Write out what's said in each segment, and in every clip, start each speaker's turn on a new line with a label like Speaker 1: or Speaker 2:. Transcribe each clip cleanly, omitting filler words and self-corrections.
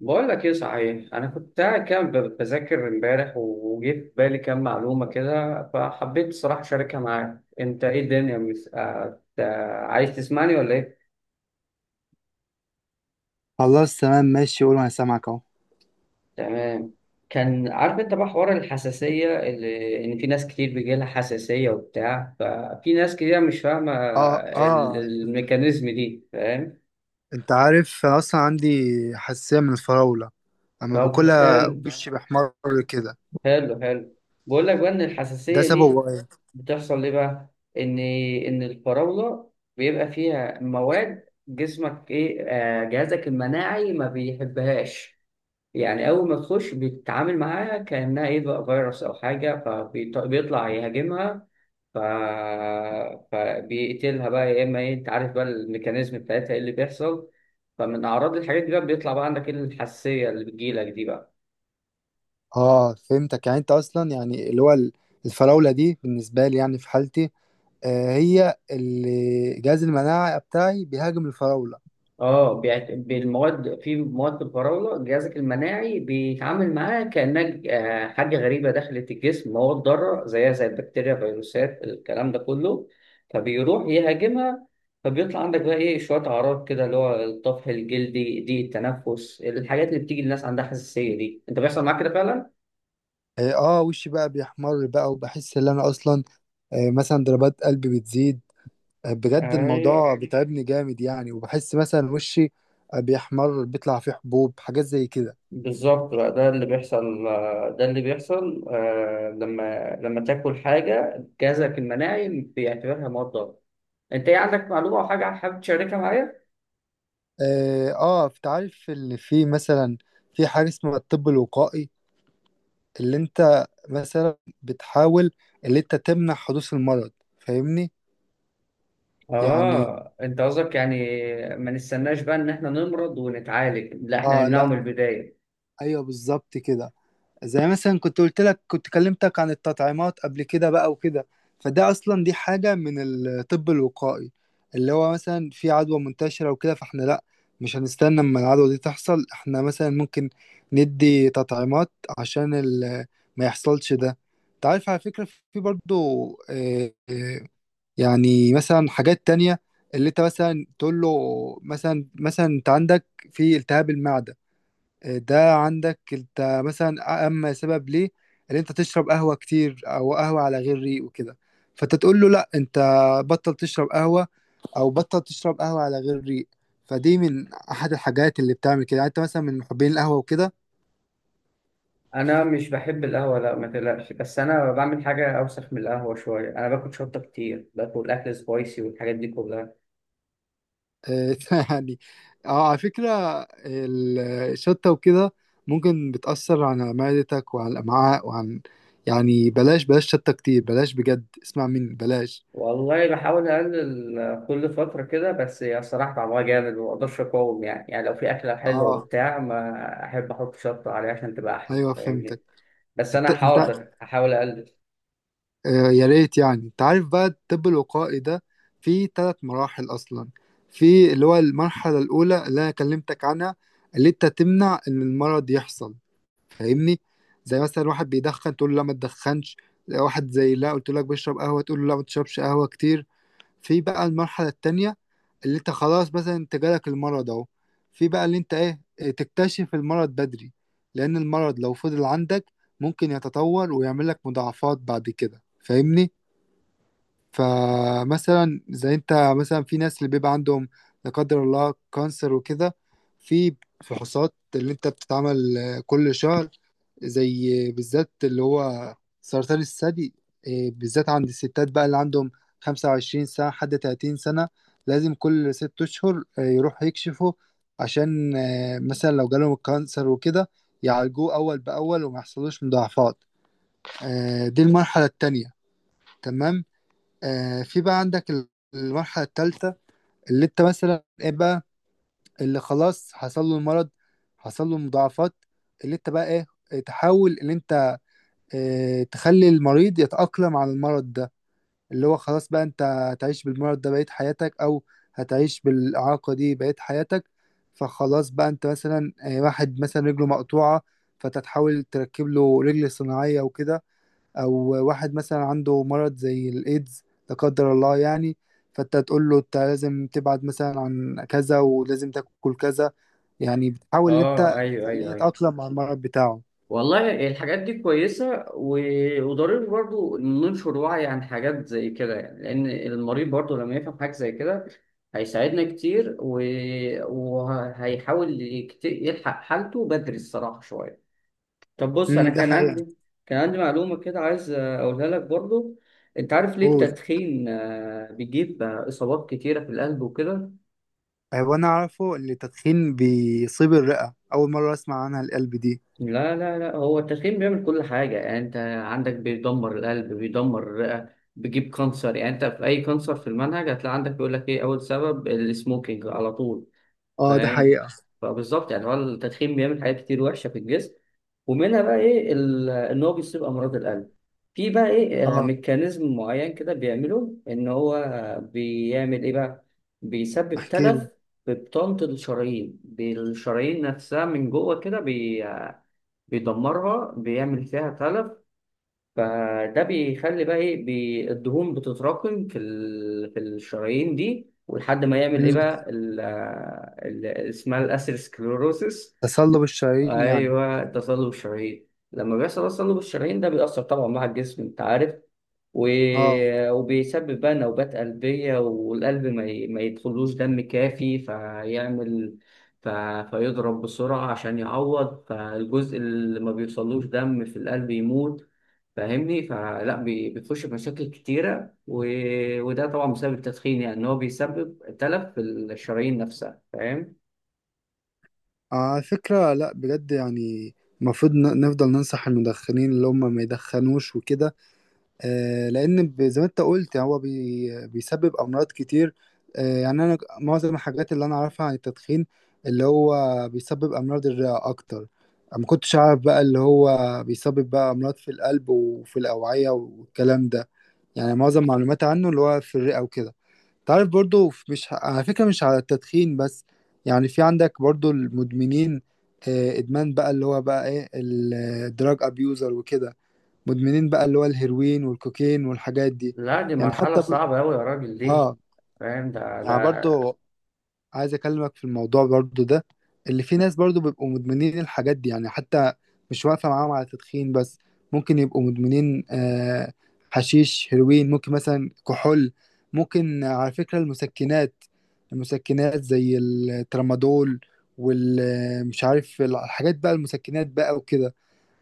Speaker 1: بقول لك ايه صحيح، انا كنت قاعد كده بذاكر امبارح وجه في بالي كام معلومه كده، فحبيت الصراحه اشاركها معاك. انت ايه الدنيا عايز تسمعني ولا ايه؟
Speaker 2: خلاص، تمام، ماشي، قول وانا سامعك اهو.
Speaker 1: تمام. كان عارف انت بقى حوار الحساسيه، اللي ان في ناس كتير بيجي لها حساسيه وبتاع، ففي ناس كتير مش فاهمه
Speaker 2: اه، اه.
Speaker 1: الميكانيزم دي، فاهم؟
Speaker 2: انت عارف انا اصلا عندي حساسيه من الفراوله اما
Speaker 1: طب
Speaker 2: باكلها
Speaker 1: حلو
Speaker 2: وشي بيحمر كده.
Speaker 1: حلو حلو. بقول لك بقى ان
Speaker 2: ده
Speaker 1: الحساسيه
Speaker 2: سببه
Speaker 1: دي
Speaker 2: ايه؟
Speaker 1: بتحصل ليه بقى. ان الفراوله بيبقى فيها مواد، جسمك ايه جهازك المناعي ما بيحبهاش. يعني اول ما تخش بيتعامل معاها كانها ايه بقى، فيروس او حاجه، فبيطلع يهاجمها. ف... فبيقتلها بقى، يا اما ايه، انت عارف بقى الميكانيزم بتاعتها ايه اللي بيحصل. فمن اعراض الحاجات دي بقى بيطلع بقى عندك ايه، الحساسيه اللي بتجيلك دي بقى.
Speaker 2: اه، فهمتك. يعني انت اصلا يعني اللي هو الفراوله دي بالنسبه لي يعني في حالتي، هي اللي جهاز المناعه بتاعي بيهاجم الفراوله.
Speaker 1: اه بالمواد، في مواد الفراوله جهازك المناعي بيتعامل معاها كانها حاجه غريبه دخلت الجسم، مواد ضاره زيها زي البكتيريا، فيروسات، الكلام ده كله. فبيروح يهاجمها. فبيطلع عندك بقى ايه، شويه اعراض كده، اللي هو الطفح الجلدي، ضيق التنفس، الحاجات اللي بتيجي الناس عندها حساسيه دي. انت بيحصل معاك كده فعلا؟
Speaker 2: اه. وشي بقى بيحمر بقى وبحس ان انا اصلا مثلا ضربات قلبي بتزيد. بجد
Speaker 1: ايوه،
Speaker 2: الموضوع بيتعبني جامد يعني، وبحس مثلا وشي بيحمر، بيطلع فيه حبوب حاجات زي كده.
Speaker 1: بالظبط بقى، ده اللي بيحصل ده اللي بيحصل لما تاكل حاجه جهازك المناعي بيعتبرها مواد ضاره. انت ايه عندك معلومه او حاجه حابب تشاركها معايا؟
Speaker 2: اه، انت عارف ان في مثلا في حاجة اسمها الطب الوقائي، اللي انت مثلا بتحاول، اللي انت تمنع حدوث المرض، فاهمني؟ يعني
Speaker 1: اه، انت قصدك يعني ما نستناش بقى ان احنا نمرض ونتعالج، لا احنا
Speaker 2: اه.
Speaker 1: نمنعه
Speaker 2: لا،
Speaker 1: من البدايه.
Speaker 2: ايوه، بالظبط كده. زي مثلا كنت قلت لك، كنت كلمتك عن التطعيمات قبل كده بقى وكده. فده اصلا دي حاجة من الطب الوقائي، اللي هو مثلا في عدوى منتشرة وكده، فاحنا لا، مش هنستنى اما العدوى دي تحصل، احنا مثلا ممكن ندي تطعيمات عشان ما يحصلش ده. انت عارف على فكرة في برضو آه، آه، يعني مثلا حاجات تانية اللي انت مثلا تقول له. مثلا انت عندك في التهاب المعدة، ده عندك انت مثلا اما سبب ليه ان انت تشرب قهوة كتير او قهوة على غير ريق وكده. فانت تقول له لا، انت بطل تشرب قهوة او بطل تشرب قهوة على غير ريق. فدي من احد الحاجات اللي بتعمل كده، يعني انت مثلا من محبين القهوة وكده.
Speaker 1: انا مش بحب القهوه، لا ما تقلقش، بس انا بعمل حاجه اوسخ من القهوه شويه، انا باكل شطه كتير، باكل اكل سبايسي والحاجات دي كلها.
Speaker 2: آه، يعني اه، على فكرة ال- الشطة وكده ممكن بتأثر على معدتك وعلى الأمعاء وعن. يعني بلاش، بلاش شطة كتير، بلاش بجد، اسمع مني، بلاش.
Speaker 1: والله بحاول اقلل كل فتره كده، بس هي الصراحه طعمها جامد وما اقدرش اقاوم، يعني لو في اكله حلوه
Speaker 2: اه،
Speaker 1: وبتاع ما احب احط شطه عليها عشان تبقى احلى،
Speaker 2: ايوه،
Speaker 1: فاهمني؟
Speaker 2: فهمتك.
Speaker 1: بس
Speaker 2: انت
Speaker 1: انا
Speaker 2: انت
Speaker 1: حاضر، هحاول اقلل.
Speaker 2: يا ريت. يعني انت عارف بقى الطب الوقائي ده فيه ثلاث مراحل اصلا. في اللي هو المرحله الاولى اللي انا كلمتك عنها، اللي انت تمنع ان المرض يحصل، فاهمني؟ زي مثلا واحد بيدخن تقول له لا، ما تدخنش. واحد زي لا قلت لك بيشرب قهوه تقول له لا، ما تشربش قهوه كتير. في بقى المرحله التانية، اللي انت خلاص مثلا انت جالك المرض اهو. في بقى اللي انت ايه، اه، تكتشف المرض بدري، لان المرض لو فضل عندك ممكن يتطور ويعمل لك مضاعفات بعد كده، فاهمني؟ فمثلا زي انت مثلا في ناس اللي بيبقى عندهم لا قدر الله كانسر وكده. في فحوصات اللي انت بتتعمل كل شهر، زي بالذات اللي هو سرطان الثدي، بالذات عند الستات بقى اللي عندهم 25 سنة حد 30 سنة لازم كل 6 أشهر يروحوا يكشفوا عشان مثلا لو جالهم الكانسر وكده يعالجوه أول بأول وما يحصلوش مضاعفات. دي المرحلة التانية، تمام. في بقى عندك المرحلة الثالثة، اللي انت مثلا ايه بقى، اللي خلاص حصل له المرض، حصل له مضاعفات، اللي انت بقى ايه، تحاول ان انت اه تخلي المريض يتأقلم على المرض ده. اللي هو خلاص بقى انت هتعيش بالمرض ده بقية حياتك، او هتعيش بالإعاقة دي بقية حياتك. فخلاص بقى انت مثلا واحد مثلا رجله مقطوعة فتتحاول تركب له رجل صناعية وكده، او واحد مثلا عنده مرض زي الايدز، لا قدر الله يعني، فانت تقول له انت لازم تبعد مثلا عن كذا ولازم تاكل كذا. يعني بتحاول ان
Speaker 1: اه،
Speaker 2: انت
Speaker 1: ايوه
Speaker 2: تخليه
Speaker 1: ايوه ايوه.
Speaker 2: يتأقلم مع المرض بتاعه.
Speaker 1: والله الحاجات دي كويسة وضروري برضو ننشر وعي عن حاجات زي كده، يعني لأن المريض برضو لما يفهم حاجة زي كده هيساعدنا كتير، وهيحاول يلحق حالته بدري الصراحة شوية. طب بص، أنا
Speaker 2: ده
Speaker 1: كان
Speaker 2: حقيقة.
Speaker 1: عندي كان عندي معلومة كده عايز أقولها لك برضو. أنت عارف ليه
Speaker 2: قول.
Speaker 1: التدخين بيجيب إصابات كتيرة في القلب وكده؟
Speaker 2: هو انا اعرفه ان التدخين بيصيب الرئة، اول مرة اسمع عنها القلب دي.
Speaker 1: لا لا لا، هو التدخين بيعمل كل حاجة، يعني أنت عندك بيدمر القلب، بيدمر الرئة، بيجيب كانسر. يعني أنت في أي كانسر في المنهج هتلاقي عندك بيقول لك إيه أول سبب، السموكينج على طول،
Speaker 2: اه، ده
Speaker 1: فاهم؟
Speaker 2: حقيقة.
Speaker 1: فبالظبط يعني هو التدخين بيعمل حاجات كتير وحشة في الجسم، ومنها بقى إيه، إن هو بيصيب أمراض القلب. في بقى إيه
Speaker 2: اه،
Speaker 1: ميكانيزم معين كده بيعمله، إن هو بيعمل إيه بقى، بيسبب
Speaker 2: احكي
Speaker 1: تلف
Speaker 2: لي.
Speaker 1: في بطانة الشرايين، بالشرايين نفسها من جوه كده، بيدمرها، بيعمل فيها تلف. فده بيخلي بقى ايه، الدهون بتتراكم في الشرايين دي، ولحد ما يعمل ايه
Speaker 2: امم
Speaker 1: بقى اسمها الاسيروسكليروسيس.
Speaker 2: تصلب الشرايين يعني.
Speaker 1: ايوه تصلب الشرايين. لما بيحصل تصلب الشرايين ده بيأثر طبعا مع الجسم، انت عارف، و...
Speaker 2: اه،
Speaker 1: وبيسبب بقى نوبات قلبية، والقلب ما يدخلوش دم كافي فيعمل، ف... فيضرب بسرعة عشان يعوض، فالجزء اللي ما بيوصلوش دم في القلب يموت، فاهمني؟ فلا بتخش في مشاكل كتيرة، وده طبعا بسبب التدخين، يعني إن هو بيسبب تلف في الشرايين نفسها، فاهم؟
Speaker 2: على فكرة لا، بجد يعني المفروض نفضل ننصح المدخنين اللي هم ما يدخنوش وكده. لان زي ما انت قلت هو بيسبب امراض كتير. يعني انا معظم الحاجات اللي انا اعرفها عن التدخين اللي هو بيسبب امراض الرئه اكتر. ما كنتش اعرف بقى اللي هو بيسبب بقى امراض في القلب وفي الاوعيه والكلام ده. يعني معظم معلوماتي عنه اللي هو في الرئه وكده. تعرف برضو مش على فكره مش على التدخين بس. يعني في عندك برضو المدمنين، ادمان بقى اللي هو بقى ايه الدراج ابيوزر وكده، مدمنين بقى اللي هو الهيروين والكوكين والحاجات دي.
Speaker 1: لا دي
Speaker 2: يعني
Speaker 1: مرحلة
Speaker 2: حتى
Speaker 1: صعبة أوي يا راجل دي.
Speaker 2: اه،
Speaker 1: فاهم
Speaker 2: يعني
Speaker 1: ده.
Speaker 2: برضو عايز اكلمك في الموضوع برضو ده، اللي في ناس برضو بيبقوا مدمنين الحاجات دي. يعني حتى مش واقفة معاهم على تدخين بس، ممكن يبقوا مدمنين حشيش، هيروين، ممكن مثلا كحول، ممكن على فكرة المسكنات زي الترامادول والمش عارف الحاجات بقى المسكنات بقى وكده.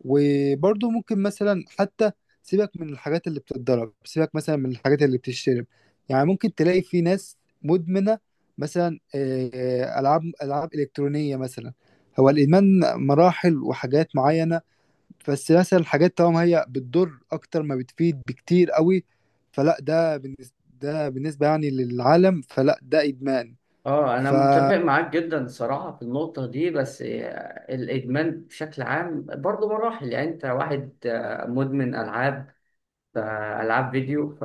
Speaker 2: وبرضه ممكن مثلا حتى سيبك من الحاجات اللي بتتضرب، سيبك مثلا من الحاجات اللي بتشترب. يعني ممكن تلاقي في ناس مدمنة مثلا ألعاب إلكترونية مثلا. هو الإدمان مراحل وحاجات معينة، بس مثلا الحاجات طالما هي بتضر أكتر ما بتفيد بكتير قوي، فلا ده بالنسبة يعني للعالم فلا ده إدمان.
Speaker 1: اه انا متفق
Speaker 2: فلا،
Speaker 1: معاك جدا الصراحه في النقطه دي، بس الادمان بشكل عام برضه مراحل، يعني انت واحد مدمن العاب العاب فيديو،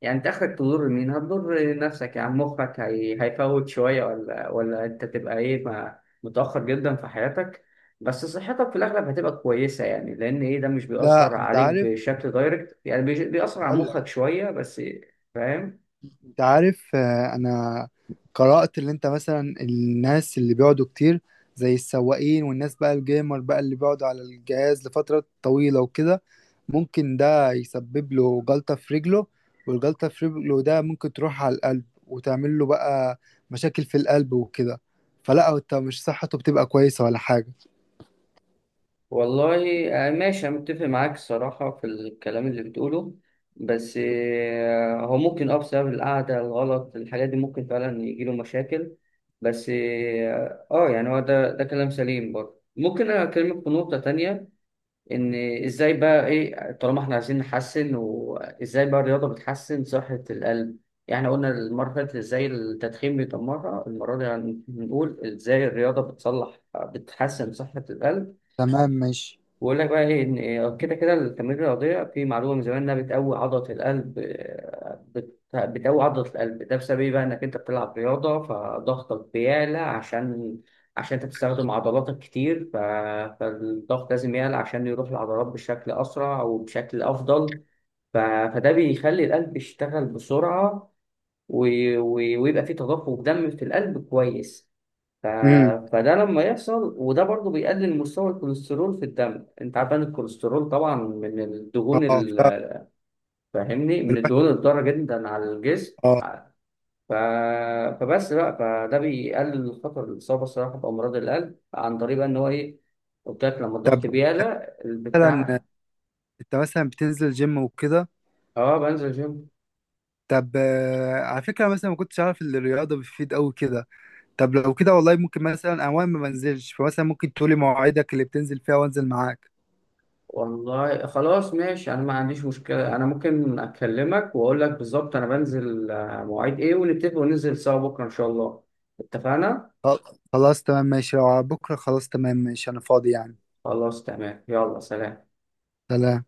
Speaker 1: يعني انت اخرك تضر مين، هتضر نفسك، يعني مخك هيفوت شويه، ولا انت تبقى ايه ما... متاخر جدا في حياتك، بس صحتك في الاغلب هتبقى كويسه، يعني لان ايه، ده مش بيأثر
Speaker 2: أنت
Speaker 1: عليك
Speaker 2: عارف،
Speaker 1: بشكل دايركت، يعني بيأثر على
Speaker 2: هقول لك.
Speaker 1: مخك شويه بس، فاهم؟
Speaker 2: انت عارف انا قرأت اللي انت مثلا الناس اللي بيقعدوا كتير زي السواقين والناس بقى الجيمر بقى اللي بيقعدوا على الجهاز لفترة طويلة وكده ممكن ده يسبب له جلطة في رجله، والجلطة في رجله ده ممكن تروح على القلب وتعمل له بقى مشاكل في القلب وكده. فلا هو انت مش صحته بتبقى كويسة ولا حاجة.
Speaker 1: والله ماشي، أنا متفق معاك الصراحة في الكلام اللي بتقوله، بس هو ممكن أه بسبب القعدة الغلط الحاجات دي ممكن فعلا يجيله مشاكل، بس اه يعني هو ده كلام سليم برضه. ممكن أنا أكلمك في نقطة تانية، إن إزاي بقى إيه، طالما إحنا عايزين نحسن، وإزاي بقى الرياضة بتحسن صحة القلب. يعني إحنا قلنا المرة اللي فاتت إزاي التدخين بيدمرها، المرة دي هنقول إزاي الرياضة بتصلح بتحسن صحة القلب.
Speaker 2: تمام، ماشي.
Speaker 1: بقول لك بقى ايه ان كده كده التمارين الرياضيه، في معلومه من زمان انها بتقوي عضله القلب، بتقوي عضله القلب، ده بسبب ايه بقى، انك انت بتلعب رياضه فضغطك بيعلى، عشان انت بتستخدم عضلاتك كتير، فالضغط لازم يعلى عشان يروح للعضلات بشكل اسرع وبشكل افضل، ف... فده بيخلي القلب يشتغل بسرعه، و... و... ويبقى فيه تدفق دم في القلب كويس، ف...
Speaker 2: امم
Speaker 1: فده لما يحصل، وده برضو بيقلل مستوى الكوليسترول في الدم. انت عارف ان الكوليسترول طبعا من الدهون
Speaker 2: اه،
Speaker 1: فاهمني، من
Speaker 2: فالواحد
Speaker 1: الدهون الضاره جدا على الجسم.
Speaker 2: اه.
Speaker 1: ف... فبس بقى فده بيقلل خطر الاصابه الصراحه بامراض القلب، عن طريق بقى ان هو ايه، قلت لك لما
Speaker 2: طب
Speaker 1: الضغط بيعلى
Speaker 2: مثلا
Speaker 1: البتاع.
Speaker 2: انت مثلا بتنزل جيم وكده.
Speaker 1: اه بنزل جيم.
Speaker 2: طب على فكرة مثلا ما كنتش عارف ان الرياضة بتفيد قوي كده. طب لو كده، والله ممكن مثلا اوان ما منزلش، فمثلا ممكن تقولي مواعيدك اللي بتنزل فيها وانزل معاك.
Speaker 1: والله خلاص ماشي، انا ما عنديش مشكله، انا ممكن اكلمك واقول لك بالظبط انا بنزل مواعيد ايه ونتفق وننزل سوا بكره ان شاء الله. اتفقنا.
Speaker 2: خل- خلاص، تمام، ماشي، لو على بكرة خلاص، تمام، ماشي، انا فاضي يعني.
Speaker 1: خلاص تمام، يلا سلام.
Speaker 2: سلام.